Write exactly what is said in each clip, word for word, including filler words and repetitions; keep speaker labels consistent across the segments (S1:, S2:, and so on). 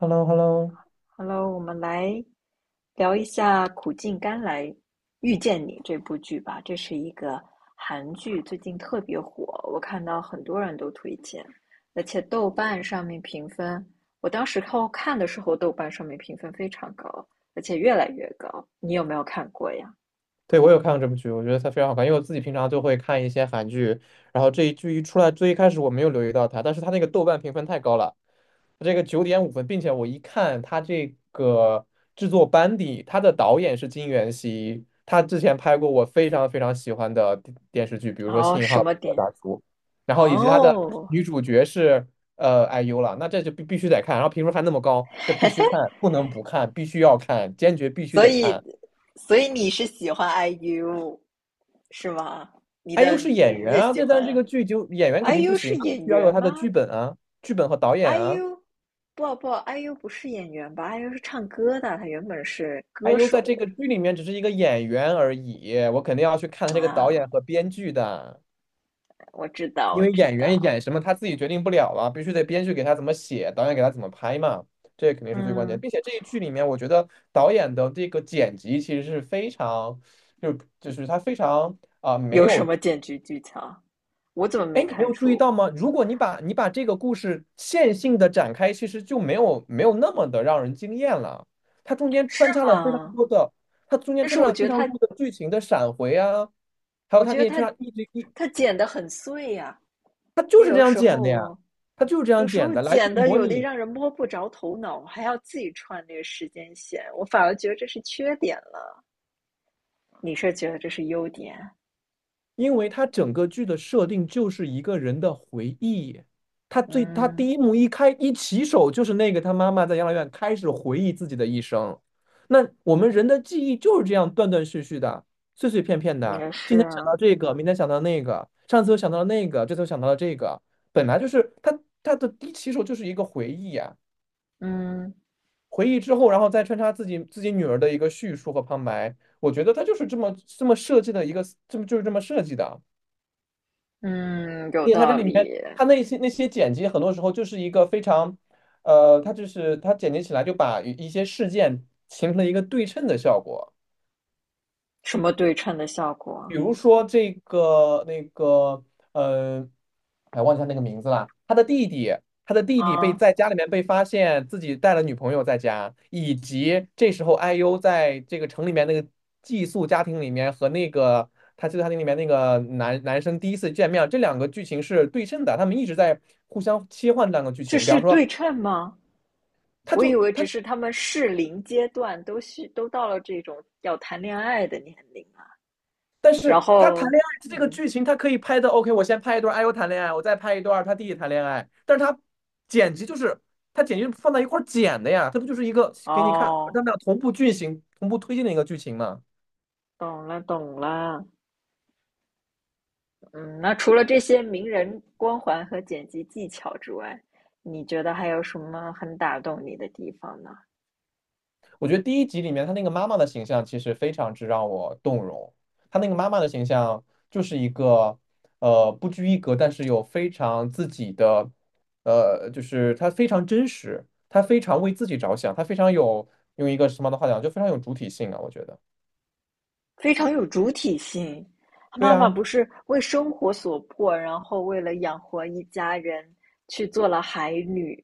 S1: Hello,Hello,
S2: Hello，我们来聊一下《苦尽甘来遇见你》这部剧吧。这是一个韩剧，最近特别火，我看到很多人都推荐，而且豆瓣上面评分，我当时看看的时候，豆瓣上面评分非常高，而且越来越高。你有没有看过呀？
S1: 对，我有看过这部剧，我觉得它非常好看，因为我自己平常就会看一些韩剧，然后这一剧一出来，最一开始我没有留意到它，但是它那个豆瓣评分太高了，它这个九点五分，并且我一看它这个制作班底，它的导演是金元熙，他之前拍过我非常非常喜欢的电电视剧，比如说
S2: 哦，
S1: 《信号》
S2: 什么
S1: 比如说
S2: 点？
S1: 大叔》，然后以及他的
S2: 哦，
S1: 女主角是呃 I U 了，那这就必必须得看，然后评分还那么高，这必须看，不能不看，必须要看，坚决必须
S2: 所
S1: 得
S2: 以，
S1: 看。
S2: 所以你是喜欢 IU 是吗？你
S1: 哎，
S2: 的
S1: 又是演
S2: 你
S1: 员
S2: 最
S1: 啊，
S2: 喜
S1: 这但是这
S2: 欢
S1: 个剧就演员肯定不
S2: IU
S1: 行
S2: 是
S1: 啊，必
S2: 演
S1: 须要有
S2: 员
S1: 他的
S2: 吗？
S1: 剧本啊，剧本和导演啊。
S2: ，IU 不不，IU 不是演员吧？IU 是唱歌的，他原本是
S1: 哎
S2: 歌
S1: 呦，在这个
S2: 手
S1: 剧里面只是一个演员而已，我肯定要去看他这个导演
S2: 啊。
S1: 和编剧的，
S2: 我知道，
S1: 因
S2: 我
S1: 为
S2: 知
S1: 演员
S2: 道。
S1: 演什么他自己决定不了啊，必须得编剧给他怎么写，导演给他怎么拍嘛，这肯定是最关键。
S2: 嗯，
S1: 并且这一剧里面，我觉得导演的这个剪辑其实是非常，就就是他非常啊、没
S2: 有什
S1: 有
S2: 么剪辑技巧？我怎么
S1: 哎，
S2: 没
S1: 你没
S2: 看
S1: 有注意
S2: 出？
S1: 到吗？如果你把你把这个故事线性的展开，其实就没有没有那么的让人惊艳了。它中间穿插了非常
S2: 啊，
S1: 多的，它中间
S2: 但是
S1: 穿插
S2: 我
S1: 了
S2: 觉
S1: 非
S2: 得
S1: 常
S2: 他，
S1: 多的剧情的闪回啊，还
S2: 我
S1: 有它
S2: 觉
S1: 给
S2: 得
S1: 你
S2: 他，
S1: 穿插一直一，
S2: 他剪得很碎呀、啊
S1: 它
S2: 他
S1: 就是这
S2: 有
S1: 样
S2: 时
S1: 剪的呀，
S2: 候，
S1: 它就是这样
S2: 有时
S1: 剪
S2: 候
S1: 的，来去
S2: 剪的
S1: 模
S2: 有的
S1: 拟
S2: 让人摸不着头脑，还要自己串那个时间线，我反而觉得这是缺点了。你是觉得这是优点？
S1: 因为它整个剧的设定就是一个人的回忆，他最他
S2: 嗯，
S1: 第一幕一开一起手就是那个他妈妈在养老院开始回忆自己的一生。那我们人的记忆就是这样断断续续的、碎碎片片的，
S2: 也是
S1: 今天想到
S2: 啊。
S1: 这个，明天想到那个，上次又想到了那个，这次又想到了这个，本来就是他他的第一起手就是一个回忆啊，
S2: 嗯
S1: 回忆之后，然后再穿插自己自己女儿的一个叙述和旁白，我觉得他就是这么这么设计的一个，这么就是这么设计的。
S2: 嗯，有
S1: 并且它这
S2: 道
S1: 里面，
S2: 理。
S1: 它那些那些剪辑，很多时候就是一个非常，呃，它就是它剪辑起来就把一一些事件形成了一个对称的效果。
S2: 什么对称的效
S1: 比
S2: 果
S1: 如说这个那个，呃，哎，忘记他那个名字了。他的弟弟，他的弟弟被
S2: 啊？
S1: 在家里面被发现自己带了女朋友在家，以及这时候 I U 在这个城里面那个寄宿家庭里面和那个他寄宿家庭里面那个男男生第一次见面，这两个剧情是对称的，他们一直在互相切换这两个剧
S2: 这
S1: 情。比
S2: 是
S1: 方说，
S2: 对称吗？
S1: 他
S2: 我以
S1: 就
S2: 为
S1: 他
S2: 只是他们适龄阶段都需都到了这种要谈恋爱的年龄啊。
S1: 但
S2: 然
S1: 是他谈
S2: 后，
S1: 恋爱这个
S2: 嗯，
S1: 剧情，他可以拍的 OK。我先拍一段哎呦谈恋爱，我再拍一段他弟弟谈恋爱。但是他剪辑就是他剪辑放在一块儿剪的呀，他不就是一个给你看，他
S2: 哦，
S1: 们俩同步剧情、同步推进的一个剧情吗？
S2: 懂了懂了。嗯，那除了这些名人光环和剪辑技巧之外，你觉得还有什么很打动你的地方呢？
S1: 我觉得第一集里面她那个妈妈的形象其实非常之让我动容，她那个妈妈的形象就是一个呃不拘一格，但是有非常自己的，呃，就是她非常真实，她非常为自己着想，她非常有用一个时髦的话讲，就非常有主体性啊，我觉得。
S2: 非常有主体性。他
S1: 对
S2: 妈妈
S1: 啊，
S2: 不是为生活所迫，然后为了养活一家人去做了海女，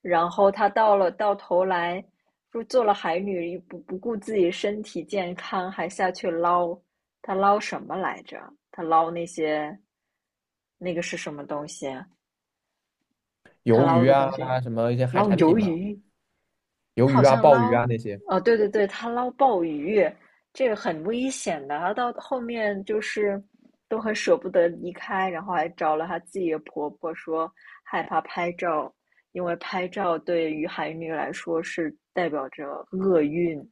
S2: 然后她到了到头来，说做了海女不不顾自己身体健康，还下去捞，她捞什么来着？她捞那些那个是什么东西啊？她
S1: 鱿
S2: 捞
S1: 鱼
S2: 的
S1: 啊，
S2: 东西，
S1: 什么一些海
S2: 捞
S1: 产
S2: 鱿
S1: 品嘛，
S2: 鱼，
S1: 鱿
S2: 他好
S1: 鱼啊、
S2: 像
S1: 鲍鱼
S2: 捞，
S1: 啊那些。
S2: 哦，对对对，他捞鲍鱼，这个很危险的。他到后面就是都很舍不得离开，然后还找了他自己的婆婆说害怕拍照，因为拍照对于海女来说是代表着厄运。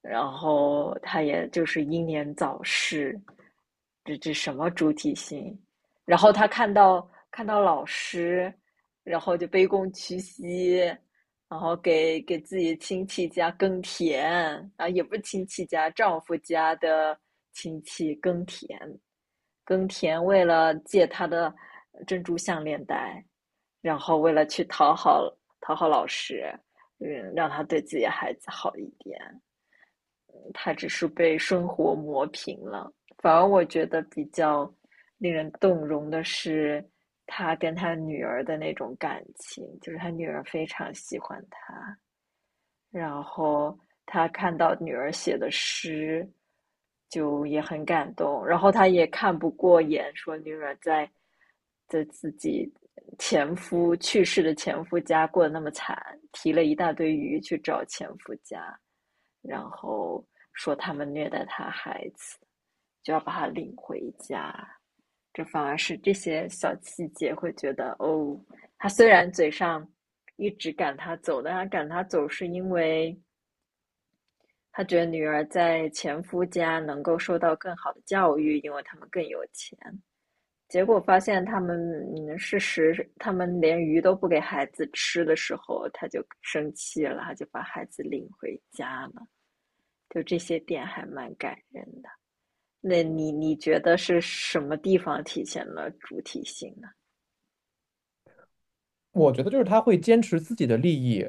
S2: 然后他也就是英年早逝，这这什么主体性？然后他看到看到老师，然后就卑躬屈膝，然后给给自己亲戚家耕田啊，也不是亲戚家，丈夫家的亲戚耕田，耕田为了借他的珍珠项链戴，然后为了去讨好讨好老师，嗯，让他对自己的孩子好一点。他只是被生活磨平了。反而我觉得比较令人动容的是他跟他女儿的那种感情，就是他女儿非常喜欢他，然后他看到女儿写的诗，就也很感动。然后他也看不过眼，说女儿在在自己前夫去世的前夫家过得那么惨，提了一大堆鱼去找前夫家，然后说他们虐待他孩子，就要把他领回家。这反而是这些小细节会觉得哦，他虽然嘴上一直赶他走，但他赶他走是因为他觉得女儿在前夫家能够受到更好的教育，因为他们更有钱。结果发现他们，嗯，事实他们连鱼都不给孩子吃的时候，他就生气了，他就把孩子领回家了。就这些点还蛮感人的。那你你觉得是什么地方体现了主体性呢？
S1: 我觉得就是他会坚持自己的利益，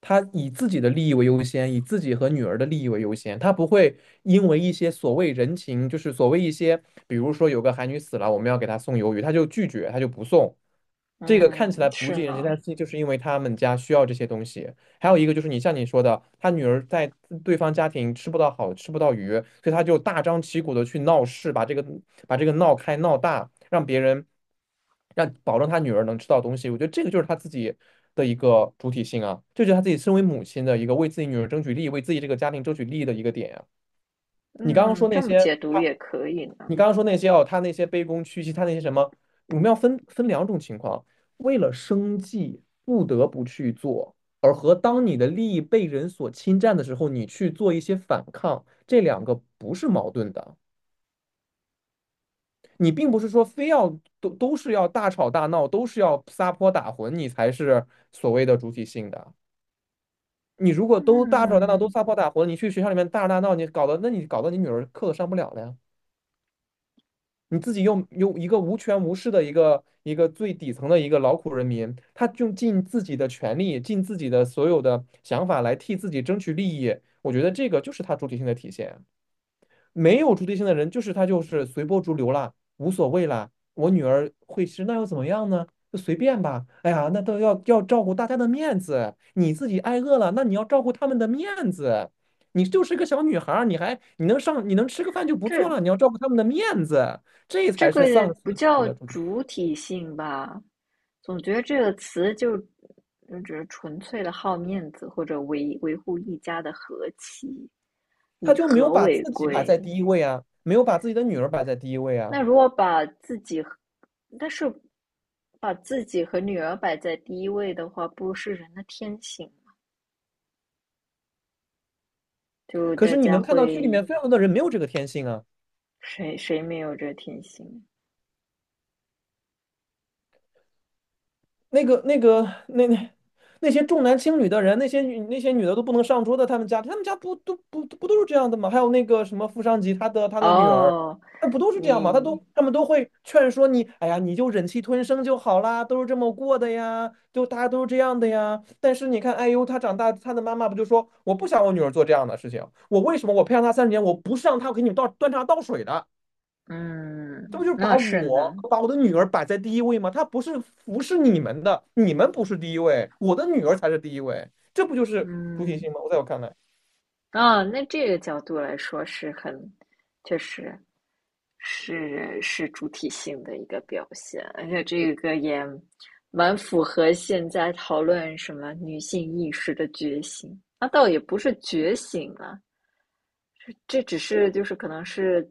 S1: 他以自己的利益为优先，以自己和女儿的利益为优先，他不会因为一些所谓人情，就是所谓一些，比如说有个韩女死了，我们要给她送鱿鱼，他就拒绝，他就不送。这个看起
S2: 嗯，
S1: 来不
S2: 是
S1: 近人情，但
S2: 呢。
S1: 是就是因为他们家需要这些东西，还有一个就是你像你说的，他女儿在对方家庭吃不到好，吃不到鱼，所以他就大张旗鼓的去闹事，把这个把这个闹开闹大，让别人让保证他女儿能吃到东西。我觉得这个就是他自己的一个主体性啊，这就是他自己身为母亲的一个为自己女儿争取利益，为自己这个家庭争取利益的一个点啊。你刚刚
S2: 嗯，
S1: 说那
S2: 这么
S1: 些。
S2: 解读也可以
S1: 你
S2: 呢。
S1: 刚刚说那些哦，他那些卑躬屈膝，他那些什么，我们要分分两种情况，为了生计不得不去做，而和当你的利益被人所侵占的时候，你去做一些反抗，这两个不是矛盾的。你并不是说非要都都是要大吵大闹，都是要撒泼打浑，你才是所谓的主体性的。你如果都大吵大闹，都
S2: 嗯，
S1: 撒泼打浑，你去学校里面大吵大闹，你搞得那你搞得你女儿课都上不了了呀。你自己又用一个无权无势的一个一个最底层的一个劳苦人民，他用尽自己的权利，尽自己的所有的想法来替自己争取利益，我觉得这个就是他主体性的体现啊。没有主体性的人，就是他就是随波逐流啦，无所谓啦。我女儿会吃，那又怎么样呢？就随便吧。哎呀，那都要要照顾大家的面子，你自己挨饿了，那你要照顾他们的面子。你就是个小女孩儿，你还你能上你能吃个饭就不错
S2: 这
S1: 了，你要照顾他们的面子，这
S2: 这
S1: 才是
S2: 个
S1: 丧
S2: 也
S1: 失
S2: 不
S1: 了自己
S2: 叫
S1: 的主体。
S2: 主体性吧？总觉得这个词就就只是纯粹的好面子，或者维维护一家的和气，
S1: 他
S2: 以
S1: 就没有
S2: 和
S1: 把
S2: 为
S1: 自己摆在
S2: 贵。
S1: 第一位啊，没有把自己的女儿摆在第一位啊。
S2: 那如果把自己和但是把自己和女儿摆在第一位的话，不是人的天性，就
S1: 可
S2: 大
S1: 是你
S2: 家
S1: 能看到剧里
S2: 会
S1: 面非常多的人没有这个天性啊。
S2: 谁谁没有这天性？
S1: 那个、那个、那那那些重男轻女的人，那些女那些女的都不能上桌的，他们家他们家不都不不都是这样的吗？还有那个什么富商级，他的他的女儿，
S2: 哦，
S1: 那不都是这样吗？他
S2: 你
S1: 都他们都会劝说你，哎呀，你就忍气吞声就好啦，都是这么过的呀，就大家都是这样的呀。但是你看，哎呦，他长大，他的妈妈不就说，我不想我女儿做这样的事情，我为什么我培养她三十年，我不是让她给你们倒端茶倒水的。这不
S2: 嗯，
S1: 就是
S2: 那
S1: 把
S2: 是
S1: 我
S2: 呢。
S1: 把我的女儿摆在第一位吗？她不是服侍你们的，你们不是第一位，我的女儿才是第一位，这不就是主体
S2: 嗯，
S1: 性吗？我在我看来，
S2: 啊，那这个角度来说是很，确实是是主体性的一个表现，而且这个也蛮符合现在讨论什么女性意识的觉醒。那倒也不是觉醒啊，这只是就是可能是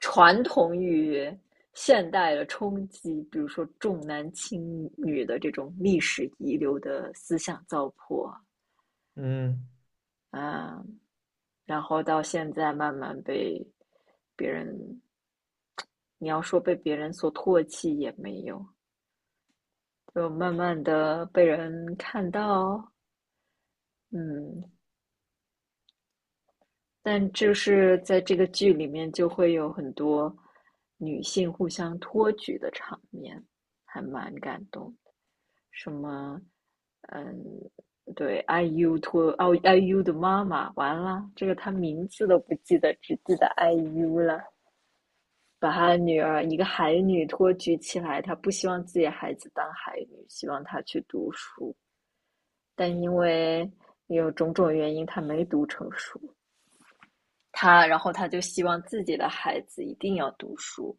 S2: 传统与现代的冲击，比如说重男轻女的这种历史遗留的思想糟粕啊。
S1: 嗯，
S2: 啊，然后到现在慢慢被别人，你要说被别人所唾弃也没有，就慢慢的被人看到，嗯，但就是在这个剧里面就会有很多女性互相托举的场面，还蛮感动什么，嗯，对，IU 托哦，I U 的妈妈，完了，这个她名字都不记得，只记得 I U 了。把他的女儿一个海女托举起来，他不希望自己的孩子当海女，希望她去读书，但因为有种种原因，他没读成书。他然后他就希望自己的孩子一定要读书，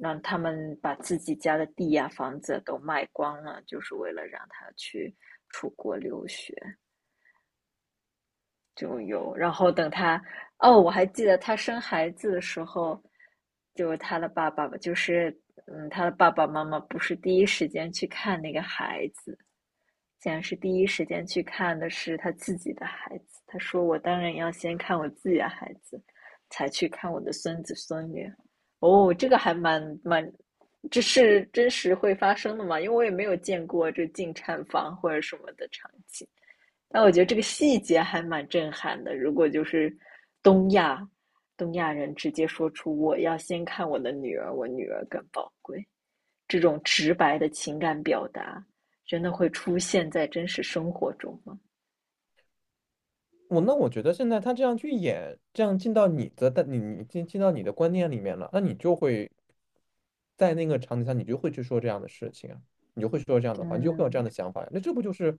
S2: 让他们把自己家的地呀、啊房子都卖光了，就是为了让他去出国留学。就有，然后等他，哦，我还记得他生孩子的时候，就他的爸爸，吧，就是嗯，他的爸爸妈妈不是第一时间去看那个孩子，竟然是第一时间去看的是他自己的孩子。他说：“我当然要先看我自己的孩子，才去看我的孙子孙女。”哦，这个还蛮蛮，这是真实会发生的嘛？因为我也没有见过这进产房或者什么的场景。但我觉得这个细节还蛮震撼的。如果就是东亚东亚人直接说出“我要先看我的女儿，我女儿更宝贵”这种直白的情感表达，真的会出现在真实生活中吗？
S1: 我那我觉得现在他这样去演，这样进到你的，但你你进进到你的观念里面了，那你就会在那个场景下，你就会去说这样的事情啊，你就会说这样的话，你就会有这样
S2: 嗯
S1: 的想法呀。那这不就是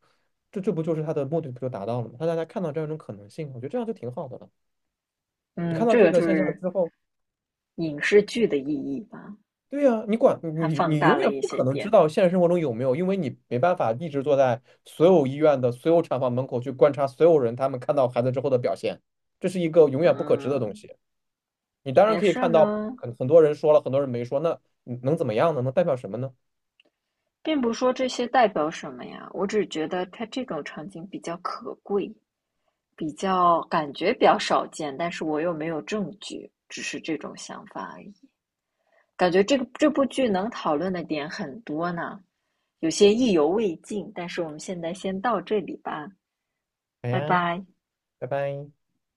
S1: 这这不就是他的目的不就达到了吗？让大家看到这样一种可能性，我觉得这样就挺好的了。你
S2: 嗯，
S1: 看到
S2: 这
S1: 这
S2: 个
S1: 个
S2: 就
S1: 现象
S2: 是
S1: 之后。
S2: 影视剧的意义吧，
S1: 对呀，你管
S2: 它
S1: 你
S2: 放
S1: 你永
S2: 大了
S1: 远
S2: 一
S1: 不
S2: 些
S1: 可能知
S2: 点。
S1: 道现实生活中有没有，因为你没办法一直坐在所有医院的所有产房门口去观察所有人他们看到孩子之后的表现，这是一个永远不可知的东
S2: 嗯，
S1: 西。你当然
S2: 也
S1: 可以
S2: 是
S1: 看到
S2: 呢，
S1: 很很多人说了，很多人没说，那能怎么样呢？能代表什么呢？
S2: 并不说这些代表什么呀，我只觉得它这种场景比较可贵。比较感觉比较少见，但是我又没有证据，只是这种想法而已。感觉这个这部剧能讨论的点很多呢，有些意犹未尽，但是我们现在先到这里吧，
S1: 好
S2: 拜
S1: 呀，
S2: 拜。
S1: 拜拜。